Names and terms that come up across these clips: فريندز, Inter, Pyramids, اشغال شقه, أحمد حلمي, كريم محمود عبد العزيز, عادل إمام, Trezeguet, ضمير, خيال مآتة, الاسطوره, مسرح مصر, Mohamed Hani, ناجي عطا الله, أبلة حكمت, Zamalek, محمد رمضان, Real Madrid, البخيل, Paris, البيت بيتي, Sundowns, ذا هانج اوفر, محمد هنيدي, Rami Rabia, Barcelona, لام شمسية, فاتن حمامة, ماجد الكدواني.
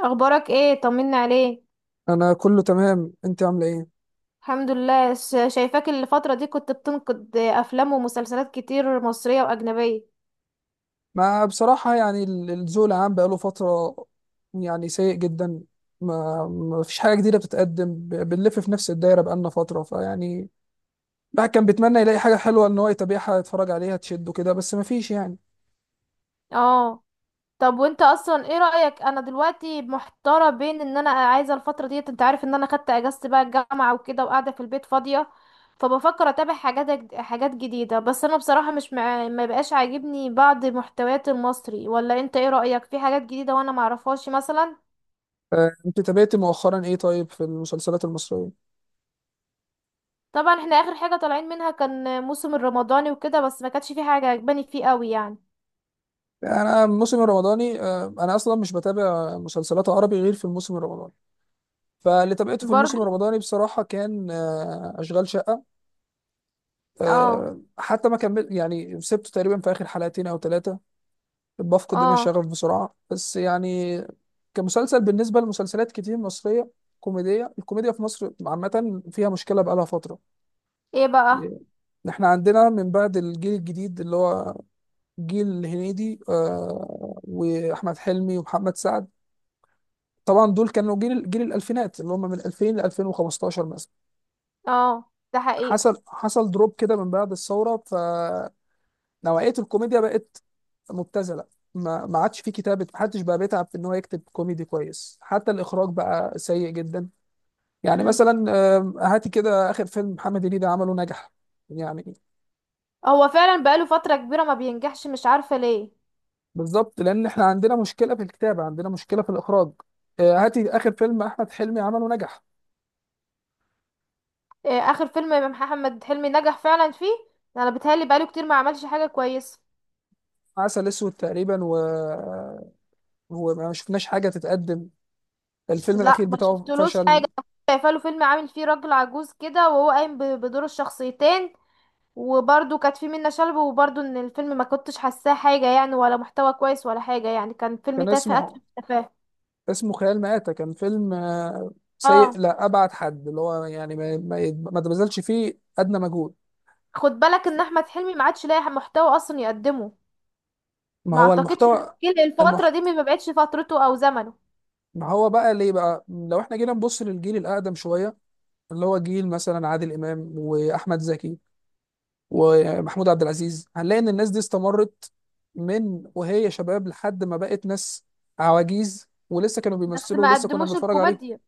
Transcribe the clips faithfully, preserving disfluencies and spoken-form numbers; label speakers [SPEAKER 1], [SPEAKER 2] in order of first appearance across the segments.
[SPEAKER 1] اخبارك ايه؟ طمني عليك.
[SPEAKER 2] انا كله تمام، انت عامله ايه؟
[SPEAKER 1] الحمد لله. ش- شايفاك الفترة دي، كنت بتنقد افلام ومسلسلات كتير، مصرية واجنبية.
[SPEAKER 2] ما بصراحه يعني ال- الذوق العام بقاله فتره، يعني سيء جدا. ما ما فيش حاجه جديده بتتقدم، ب- بنلف في نفس الدايره بقالنا فتره، فيعني الواحد كان بيتمنى يلاقي حاجه حلوه ان هو يتابعها، يتفرج عليها، تشده كده، بس ما فيش يعني.
[SPEAKER 1] اه. طب وانت اصلا ايه رأيك؟ انا دلوقتي محتارة بين ان انا عايزة الفترة ديت، انت عارف ان انا خدت اجازة بقى الجامعة وكده، وقاعدة في البيت فاضية، فبفكر اتابع حاجات جد- حاجات جديدة. بس انا بصراحة مش مع... ما بقاش عاجبني بعض محتويات المصري، ولا انت ايه رأيك في حاجات جديدة وانا معرفهاش مثلا؟
[SPEAKER 2] آه، انت تابعتي مؤخرا ايه طيب في المسلسلات المصريه؟
[SPEAKER 1] طبعا احنا اخر حاجة طالعين منها كان موسم الرمضاني وكده، بس ما كانتش في حاجة عجباني فيه قوي يعني.
[SPEAKER 2] يعني انا الموسم الرمضاني، آه، انا اصلا مش بتابع مسلسلات عربي غير في الموسم الرمضاني. فاللي تابعته في
[SPEAKER 1] برضو.
[SPEAKER 2] الموسم الرمضاني بصراحه كان، آه، اشغال شقه.
[SPEAKER 1] اه.
[SPEAKER 2] آه، حتى ما كمل، يعني سبته تقريبا في اخر حلقتين او ثلاثه. بفقد انا
[SPEAKER 1] اه.
[SPEAKER 2] الشغف بسرعه بس يعني، كمسلسل بالنسبه لمسلسلات كتير مصريه كوميديه. الكوميديا في مصر عامه فيها مشكله بقالها فتره.
[SPEAKER 1] ايه بقى؟
[SPEAKER 2] احنا عندنا من بعد الجيل الجديد اللي هو جيل هنيدي، آه، واحمد حلمي ومحمد سعد. طبعا دول كانوا جيل جيل الالفينات اللي هم من ألفين ل ألفين وخمستاشر مثلا.
[SPEAKER 1] اه، ده حقيقة.
[SPEAKER 2] حصل حصل دروب كده من بعد الثوره، ف نوعية الكوميديا بقت مبتذلة. ما ما عادش في كتابة، محدش بقى بيتعب في ان هو يكتب كوميدي كويس، حتى الاخراج بقى سيء جدا. يعني
[SPEAKER 1] مم.
[SPEAKER 2] مثلا، آم، هاتي كده اخر فيلم محمد هنيدي عمله نجح، يعني.
[SPEAKER 1] هو فعلا بقاله فترة كبيرة ما بينجحش، مش عارفة ليه.
[SPEAKER 2] بالظبط، لان احنا عندنا مشكلة في الكتابة، عندنا مشكلة في الاخراج. آه، هاتي اخر فيلم احمد حلمي عمله نجح.
[SPEAKER 1] إيه اخر فيلم محمد حلمي نجح فعلا فيه؟ انا بتهيألي بقاله كتير ما عملش حاجة كويسة.
[SPEAKER 2] عسل اسود تقريبا و، وما شفناش حاجة تتقدم. الفيلم الاخير
[SPEAKER 1] لا، ما
[SPEAKER 2] بتاعه
[SPEAKER 1] شفتلوش حاجة.
[SPEAKER 2] فشل.
[SPEAKER 1] شايفه له فيلم عامل فيه راجل عجوز كده، وهو قايم ب- بدور الشخصيتين. وبرضو كانت في منة شلبي، وبرضو ان الفيلم ما كنتش حاساه حاجة يعني، ولا محتوى كويس ولا حاجة، يعني كان فيلم
[SPEAKER 2] كان
[SPEAKER 1] تافه
[SPEAKER 2] اسمه
[SPEAKER 1] اتفه تافه.
[SPEAKER 2] اسمه خيال مآتة. كان فيلم، آه، سيء
[SPEAKER 1] اه،
[SPEAKER 2] لا أبعد حد، اللي هو يعني ما ما يت- ما تبذلش فيه أدنى مجهود.
[SPEAKER 1] خد بالك ان احمد حلمي ما عادش لاقي محتوى اصلا يقدمه.
[SPEAKER 2] ما
[SPEAKER 1] ما
[SPEAKER 2] هو
[SPEAKER 1] اعتقدش.
[SPEAKER 2] المحتوى.
[SPEAKER 1] جيل الفترة
[SPEAKER 2] المحت...
[SPEAKER 1] دي ما بقتش فترته او زمنه.
[SPEAKER 2] ما هو بقى ليه بقى، لو احنا جينا نبص للجيل الأقدم شوية، اللي هو جيل مثلا عادل إمام وأحمد زكي ومحمود عبد العزيز، هنلاقي إن الناس دي استمرت من وهي شباب لحد ما بقت ناس عواجيز، ولسه كانوا
[SPEAKER 1] بس
[SPEAKER 2] بيمثلوا
[SPEAKER 1] ما
[SPEAKER 2] ولسه كنا
[SPEAKER 1] قدموش
[SPEAKER 2] بنتفرج عليهم.
[SPEAKER 1] الكوميديا.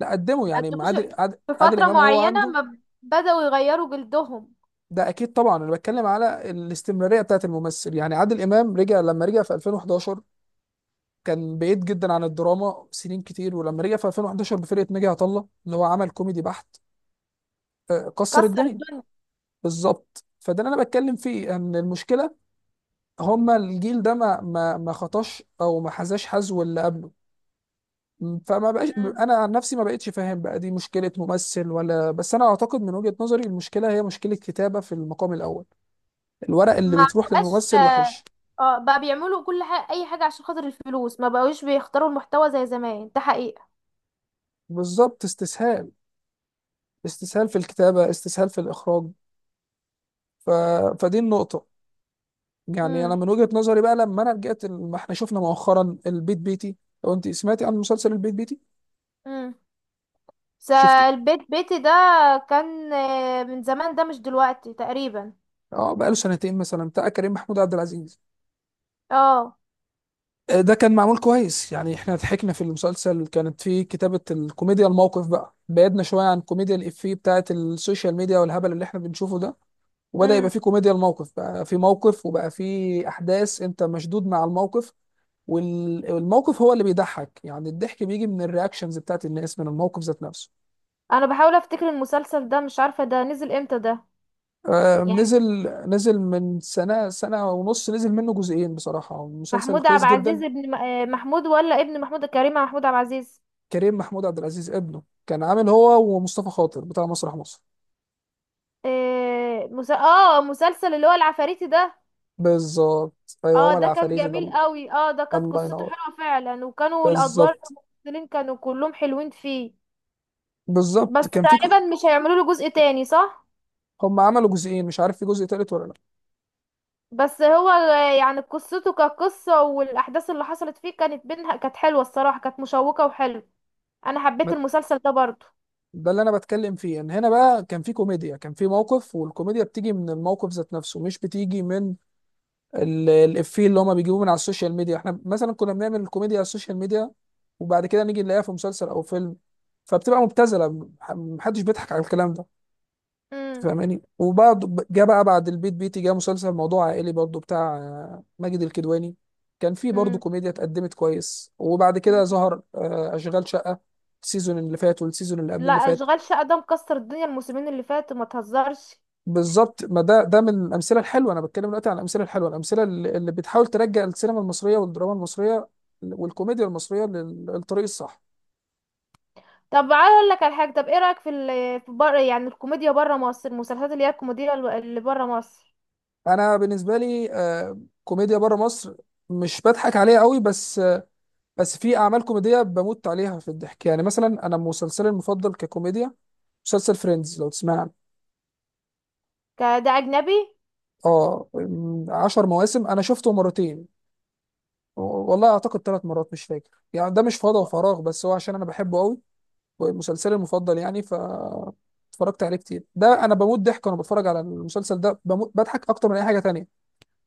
[SPEAKER 2] لا قدموا،
[SPEAKER 1] ما
[SPEAKER 2] يعني عادل
[SPEAKER 1] قدموش.
[SPEAKER 2] عادل,
[SPEAKER 1] في
[SPEAKER 2] عادل
[SPEAKER 1] فترة
[SPEAKER 2] إمام وهو
[SPEAKER 1] معينة
[SPEAKER 2] عنده.
[SPEAKER 1] ما ب- بدأوا يغيروا جلدهم.
[SPEAKER 2] ده اكيد طبعا، انا بتكلم على الاستمراريه بتاعت الممثل. يعني عادل امام رجع، لما رجع في ألفين وحداشر كان بعيد جدا عن الدراما سنين كتير. ولما رجع في ألفين وأحد عشر بفرقه ناجي عطا الله اللي هو عمل كوميدي بحت، آه، كسر
[SPEAKER 1] كسر
[SPEAKER 2] الدنيا.
[SPEAKER 1] الدنيا.
[SPEAKER 2] بالظبط، فده اللي انا بتكلم فيه، ان المشكله هما الجيل ده ما ما ما خطاش او ما حذاش حذو اللي قبله. م، فما بقاش.
[SPEAKER 1] مم.
[SPEAKER 2] انا عن نفسي ما بقتش فاهم بقى دي مشكله ممثل ولا، بس انا اعتقد من وجهه نظري المشكله هي مشكله كتابه في المقام الاول. الورق اللي
[SPEAKER 1] ما
[SPEAKER 2] بتروح
[SPEAKER 1] بقاش.
[SPEAKER 2] للممثل
[SPEAKER 1] آه
[SPEAKER 2] وحش.
[SPEAKER 1] آه، بقى بيعملوا كل حاجة، اي حاجة عشان خاطر الفلوس، ما بقوش بيختاروا المحتوى زي زمان، ده حقيقة.
[SPEAKER 2] بالظبط، استسهال، استسهال في الكتابة، استسهال في الإخراج. ف... فدي النقطة. يعني أنا
[SPEAKER 1] مم.
[SPEAKER 2] من وجهة نظري بقى، لما أنا رجعت ال- ما إحنا شفنا مؤخرا البيت بيتي. لو أنت سمعتي عن مسلسل البيت بيتي،
[SPEAKER 1] مم. بس
[SPEAKER 2] شفتي؟
[SPEAKER 1] البيت بيتي ده كان آه، من زمان، ده مش دلوقتي تقريبا.
[SPEAKER 2] أه، بقى له سنتين مثلا، بتاع كريم محمود عبد العزيز.
[SPEAKER 1] اه.
[SPEAKER 2] آه، ده كان معمول كويس، يعني إحنا ضحكنا في المسلسل، كانت فيه كتابة الكوميديا الموقف، بقى بعدنا شوية عن كوميديا الإفيه بتاعة السوشيال ميديا والهبل اللي إحنا بنشوفه ده. وبدأ يبقى
[SPEAKER 1] مم.
[SPEAKER 2] فيه كوميديا الموقف، بقى في موقف وبقى فيه أحداث أنت مشدود مع الموقف. وال- والموقف هو اللي بيضحك، يعني الضحك بيجي من الرياكشنز بتاعت الناس، من الموقف ذات نفسه.
[SPEAKER 1] انا بحاول افتكر المسلسل ده، مش عارفة ده نزل امتى ده،
[SPEAKER 2] آه،
[SPEAKER 1] يعني.
[SPEAKER 2] نزل نزل من سنة، سنة ونص. نزل منه جزئين، بصراحة مسلسل
[SPEAKER 1] محمود
[SPEAKER 2] كويس
[SPEAKER 1] عبد
[SPEAKER 2] جدا.
[SPEAKER 1] العزيز ابن م- آه، محمود، ولا ابن محمود كريم محمود عبد العزيز؟
[SPEAKER 2] كريم محمود عبد العزيز ابنه، كان عامل هو ومصطفى خاطر بتاع مسرح مصر.
[SPEAKER 1] آه، مس... اه، مسلسل اللي هو العفاريتي ده.
[SPEAKER 2] بالظبط، ايوه
[SPEAKER 1] اه،
[SPEAKER 2] هو
[SPEAKER 1] ده كان
[SPEAKER 2] العفاريت ده،
[SPEAKER 1] جميل
[SPEAKER 2] الله.
[SPEAKER 1] قوي. اه، ده كانت
[SPEAKER 2] الله
[SPEAKER 1] قصته
[SPEAKER 2] ينور.
[SPEAKER 1] حلوة فعلا، وكانوا الادوار
[SPEAKER 2] بالظبط،
[SPEAKER 1] الممثلين كانوا كلهم حلوين فيه. بس
[SPEAKER 2] بالظبط كان في ك-
[SPEAKER 1] تقريبا مش هيعملوا له جزء تاني، صح؟
[SPEAKER 2] هم عملوا جزئين، مش عارف في جزء تالت ولا لا.
[SPEAKER 1] بس هو ال- يعني قصته كقصة، والأحداث اللي حصلت فيه كانت بينها كانت حلوة، الصراحة كانت مشوقة وحلوة. أنا حبيت
[SPEAKER 2] ما-
[SPEAKER 1] المسلسل ده برضو.
[SPEAKER 2] ده اللي انا بتكلم فيه، ان هنا بقى كان في كوميديا، كان في موقف، والكوميديا بتيجي من الموقف ذات نفسه، مش بتيجي من ال- الإفيه اللي هما بيجيبوه من على السوشيال ميديا. احنا مثلا كنا بنعمل الكوميديا على السوشيال ميديا، وبعد كده نيجي نلاقيها في مسلسل او فيلم، فبتبقى مبتذله. مح- محدش بيضحك على الكلام ده. أنت
[SPEAKER 1] مم.
[SPEAKER 2] فاهماني؟ وبعد جه بقى، بعد البيت بيتي جه مسلسل موضوع عائلي برضو بتاع آه، ماجد الكدواني. كان فيه برضو
[SPEAKER 1] مم.
[SPEAKER 2] كوميديا، اتقدمت كويس. وبعد
[SPEAKER 1] مم.
[SPEAKER 2] كده ظهر آه، اشغال شقه، السيزون اللي فات والسيزون اللي قبل
[SPEAKER 1] لا،
[SPEAKER 2] اللي فات.
[SPEAKER 1] أشغال شقة ده مكسر الدنيا، الموسمين اللي فاتوا ما تهزرش.
[SPEAKER 2] بالظبط، ما ده ده من الامثله الحلوه. انا بتكلم دلوقتي عن الامثله الحلوه، الامثله اللي اللي بتحاول ترجع السينما المصريه والدراما المصريه والكوميديا المصريه لل- للطريق الصح.
[SPEAKER 1] طب عايز أقول لك على حاجة. طب إيه رأيك في ال في بره، يعني الكوميديا بره مصر، المسلسلات اللي هي الكوميديا الو- اللي بره مصر؟
[SPEAKER 2] انا بالنسبه لي، آه، كوميديا بره مصر مش بضحك عليها قوي، بس، آه، بس في اعمال كوميديه بموت عليها في الضحك. يعني مثلا انا مسلسلي المفضل ككوميديا، مسلسل فريندز، لو تسمع عنه.
[SPEAKER 1] ك- ده أجنبي.
[SPEAKER 2] اه، م، عشر مواسم، انا شفته مرتين، والله اعتقد ثلاث مرات مش فاكر يعني. ده مش فضا وفراغ، بس هو عشان انا بحبه قوي، مسلسلي المفضل يعني. ف اتفرجت عليه كتير، ده انا بموت ضحك وانا بتفرج على المسلسل ده، بموت بضحك اكتر من اي حاجه تانية،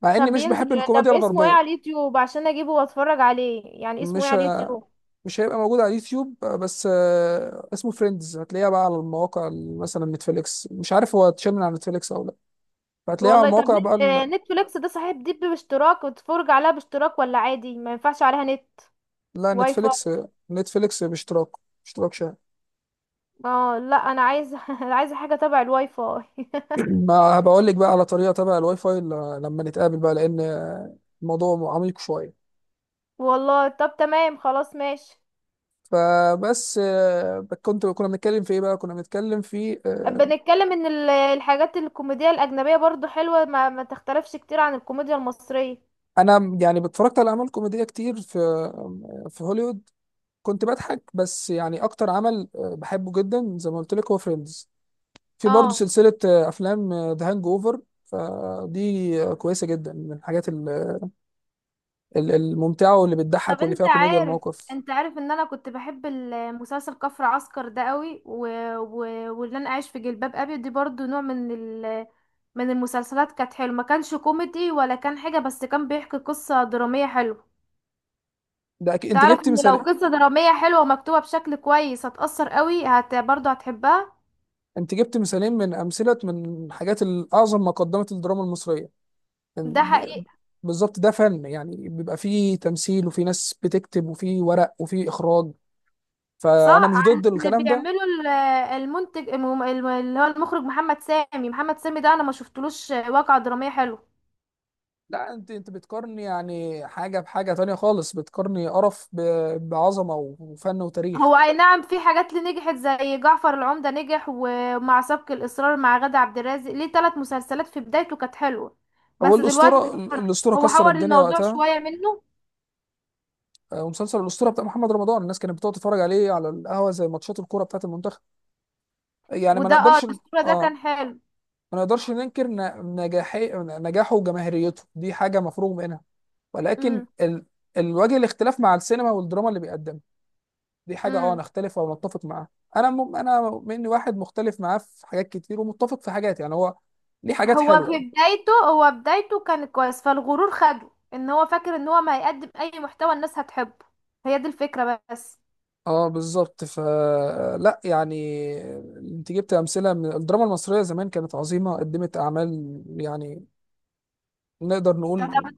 [SPEAKER 2] مع اني
[SPEAKER 1] طب
[SPEAKER 2] مش
[SPEAKER 1] بينزل؟
[SPEAKER 2] بحب
[SPEAKER 1] طب
[SPEAKER 2] الكوميديا
[SPEAKER 1] اسمه إيه
[SPEAKER 2] الغربيه.
[SPEAKER 1] على اليوتيوب عشان أجيبه وأتفرج عليه؟ يعني اسمه إيه
[SPEAKER 2] مش
[SPEAKER 1] على
[SPEAKER 2] ه-
[SPEAKER 1] اليوتيوب؟
[SPEAKER 2] مش هيبقى موجود على اليوتيوب آه، بس، آه، اسمه فريندز، هتلاقيها بقى على المواقع، ال- مثلا نتفليكس، مش عارف هو اتشال من على نتفليكس او لا. فهتلاقيها على
[SPEAKER 1] والله طب
[SPEAKER 2] المواقع بقى
[SPEAKER 1] نت... آه،
[SPEAKER 2] ال.
[SPEAKER 1] نتفليكس ده صحيح، دي باشتراك وتتفرج عليها باشتراك، ولا عادي ما ينفعش عليها نت
[SPEAKER 2] لا،
[SPEAKER 1] واي فاي؟
[SPEAKER 2] نتفليكس، نتفليكس باشتراك، اشتراك شهري.
[SPEAKER 1] اه لا، انا عايزه انا عايزه حاجه تبع الواي فاي.
[SPEAKER 2] ما بقول لك بقى على طريقه تبع الواي فاي، ل- لما نتقابل بقى، لان الموضوع عميق شويه.
[SPEAKER 1] والله طب تمام، خلاص ماشي.
[SPEAKER 2] فبس، آه، كنت كنا بنتكلم في ايه بقى؟ كنا بنتكلم في، آه،
[SPEAKER 1] بنتكلم ان ال- الحاجات الكوميديا الاجنبيه برضو حلوه، ما, ما تختلفش كتير عن الكوميديا المصريه.
[SPEAKER 2] انا يعني اتفرجت على اعمال كوميديه كتير في، آه، في هوليوود، كنت بضحك بس يعني. اكتر عمل آه، بحبه جدا زي ما قلت لك هو فريندز. في برضه
[SPEAKER 1] اه.
[SPEAKER 2] سلسله آه، افلام ذا هانج اوفر، فدي آه، كويسه جدا من الحاجات ال- ال- الممتعه واللي بتضحك
[SPEAKER 1] طب
[SPEAKER 2] واللي
[SPEAKER 1] انت
[SPEAKER 2] فيها كوميديا
[SPEAKER 1] عارف
[SPEAKER 2] الموقف.
[SPEAKER 1] انت عارف ان انا كنت بحب المسلسل كفر عسكر ده قوي. و... و... واللي انا عايش في جلباب ابي دي برضو نوع من ال... من المسلسلات، كانت حلوه. ما كانش كوميدي ولا كان حاجه، بس كان بيحكي قصه دراميه حلوه.
[SPEAKER 2] ده أكيد، انت
[SPEAKER 1] تعرف
[SPEAKER 2] جبت
[SPEAKER 1] ان لو
[SPEAKER 2] مثال.
[SPEAKER 1] قصه دراميه حلوه ومكتوبه بشكل كويس هتأثر قوي، هت... برضو هتحبها.
[SPEAKER 2] انت جبت مثالين من امثله، من حاجات الاعظم ما قدمت الدراما المصريه.
[SPEAKER 1] ده حقيقي.
[SPEAKER 2] بالظبط، ده فن يعني، بيبقى فيه تمثيل وفي ناس بتكتب وفي ورق وفي اخراج، فانا
[SPEAKER 1] صح،
[SPEAKER 2] مش
[SPEAKER 1] عن
[SPEAKER 2] ضد
[SPEAKER 1] اللي
[SPEAKER 2] الكلام ده.
[SPEAKER 1] بيعمله ال- المنتج الم- الم- اللي هو المخرج محمد سامي محمد سامي ده، انا ما شفتلوش واقعة درامية حلوة.
[SPEAKER 2] لا انت، انت بتقارني يعني حاجه بحاجه تانية خالص، بتقارني قرف ب- بعظمه وفن وتاريخ.
[SPEAKER 1] هو اي نعم، في حاجات اللي نجحت زي جعفر العمدة نجح، ومع سبق الإصرار مع غادة عبد الرازق، ليه ثلاث مسلسلات في بدايته كانت حلوة.
[SPEAKER 2] هو
[SPEAKER 1] بس دلوقتي.
[SPEAKER 2] الاسطوره، الاسطوره
[SPEAKER 1] هو
[SPEAKER 2] كسر
[SPEAKER 1] حور
[SPEAKER 2] الدنيا
[SPEAKER 1] الموضوع
[SPEAKER 2] وقتها.
[SPEAKER 1] شوية منه.
[SPEAKER 2] آه، ومسلسل الاسطوره بتاع محمد رمضان، الناس كانت بتقعد تتفرج عليه على القهوه زي ماتشات الكوره بتاعت المنتخب، يعني ما
[SPEAKER 1] وده اه
[SPEAKER 2] نقدرش.
[SPEAKER 1] الأسطورة ده
[SPEAKER 2] اه،
[SPEAKER 1] كان حلو.
[SPEAKER 2] ما نقدرش ننكر ن- نجاحي نجاحه وجماهيريته، دي حاجة مفروغ منها. ولكن
[SPEAKER 1] امم.
[SPEAKER 2] ال، الوجه، الاختلاف مع السينما والدراما اللي بيقدمها، دي حاجة اه
[SPEAKER 1] امم.
[SPEAKER 2] نختلف او نتفق معاها. انا م... انا مني واحد مختلف معاه في حاجات كتير ومتفق في حاجات، يعني هو ليه حاجات
[SPEAKER 1] هو في
[SPEAKER 2] حلوة.
[SPEAKER 1] بدايته، هو بدايته كان كويس. فالغرور خده ان هو فاكر ان هو ما هيقدم اي محتوى الناس هتحبه. هي دي الفكرة بس.
[SPEAKER 2] اه بالظبط، ف لا يعني، انت جبت امثلة من الدراما المصرية زمان، كانت عظيمة، قدمت اعمال يعني نقدر نقول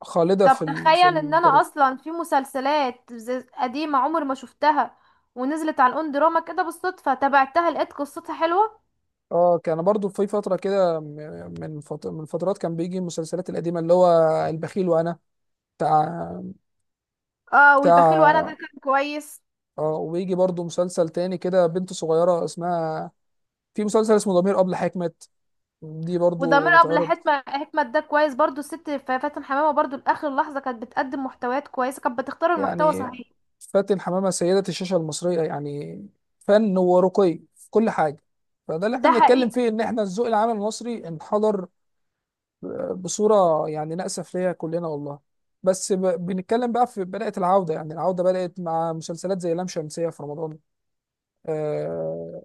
[SPEAKER 2] خالدة في
[SPEAKER 1] طب
[SPEAKER 2] ال، في
[SPEAKER 1] تخيل ان انا
[SPEAKER 2] التاريخ.
[SPEAKER 1] اصلا في مسلسلات زي- قديمة عمر ما شفتها، ونزلت على الاون دراما كده بالصدفة، تابعتها لقيت قصتها حلوة.
[SPEAKER 2] اه كان برضو في فترة كده، م- من فت... من فترات كان بيجي المسلسلات القديمة اللي هو البخيل وأنا، بتاع،
[SPEAKER 1] اه، والبخيل وانا ده
[SPEAKER 2] بتاع،
[SPEAKER 1] كان كويس.
[SPEAKER 2] اه. ويجي برضو مسلسل تاني كده بنت صغيرة اسمها، في مسلسل اسمه ضمير أبلة حكمت، دي
[SPEAKER 1] وضمير
[SPEAKER 2] برضو
[SPEAKER 1] ابله
[SPEAKER 2] بتعرض.
[SPEAKER 1] حكمة حكمة ده كويس برضو. الست ف- فاتن حمامة برضو لاخر لحظة كانت بتقدم محتويات كويسة، كانت بتختار المحتوى
[SPEAKER 2] يعني
[SPEAKER 1] صحيح.
[SPEAKER 2] فاتن حمامة سيدة الشاشة المصرية يعني، فن ورقي في كل حاجة. فده اللي احنا
[SPEAKER 1] ده
[SPEAKER 2] بنتكلم
[SPEAKER 1] حقيقة.
[SPEAKER 2] فيه، ان احنا الذوق العام المصري انحدر بصورة يعني نأسف ليها كلنا، والله. بس، ب... بنتكلم بقى، في بدأت العودة، يعني العودة بدأت مع مسلسلات زي لام شمسية في رمضان. آه...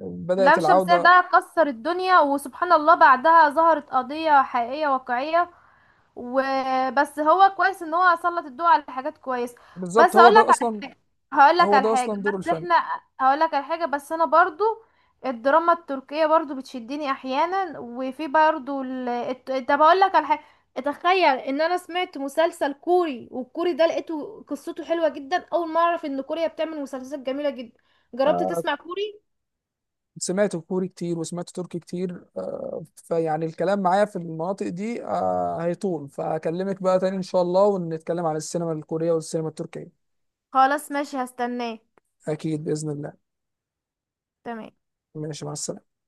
[SPEAKER 2] بدأت
[SPEAKER 1] لام شمسية
[SPEAKER 2] العودة.
[SPEAKER 1] ده كسر الدنيا، وسبحان الله بعدها ظهرت قضية حقيقية واقعية. وبس هو كويس ان هو سلط الضوء على حاجات كويس.
[SPEAKER 2] بالظبط،
[SPEAKER 1] بس
[SPEAKER 2] هو
[SPEAKER 1] هقول لك
[SPEAKER 2] ده
[SPEAKER 1] على
[SPEAKER 2] أصلا،
[SPEAKER 1] حاجه هقول لك
[SPEAKER 2] هو
[SPEAKER 1] على
[SPEAKER 2] ده
[SPEAKER 1] حاجه
[SPEAKER 2] أصلا دور
[SPEAKER 1] بس
[SPEAKER 2] الفن.
[SPEAKER 1] احنا هقول لك على حاجه بس انا برضو. الدراما التركيه برضو بتشدني احيانا، وفي برضو ال... الت- طب هقول لك على حاجه. تخيل ان انا سمعت مسلسل كوري، والكوري ده لقيته قصته حلوه جدا. اول ما اعرف ان كوريا بتعمل مسلسلات جميله جدا. جربت تسمع كوري؟
[SPEAKER 2] سمعت كوري كتير وسمعت تركي كتير، آه... فيعني الكلام معايا في المناطق دي آه... هيطول. فأكلمك بقى تاني إن شاء الله، ونتكلم عن السينما الكورية والسينما التركية.
[SPEAKER 1] خلاص ماشي، هستناك.
[SPEAKER 2] أكيد بإذن الله.
[SPEAKER 1] تمام.
[SPEAKER 2] ماشي، مع السلامة.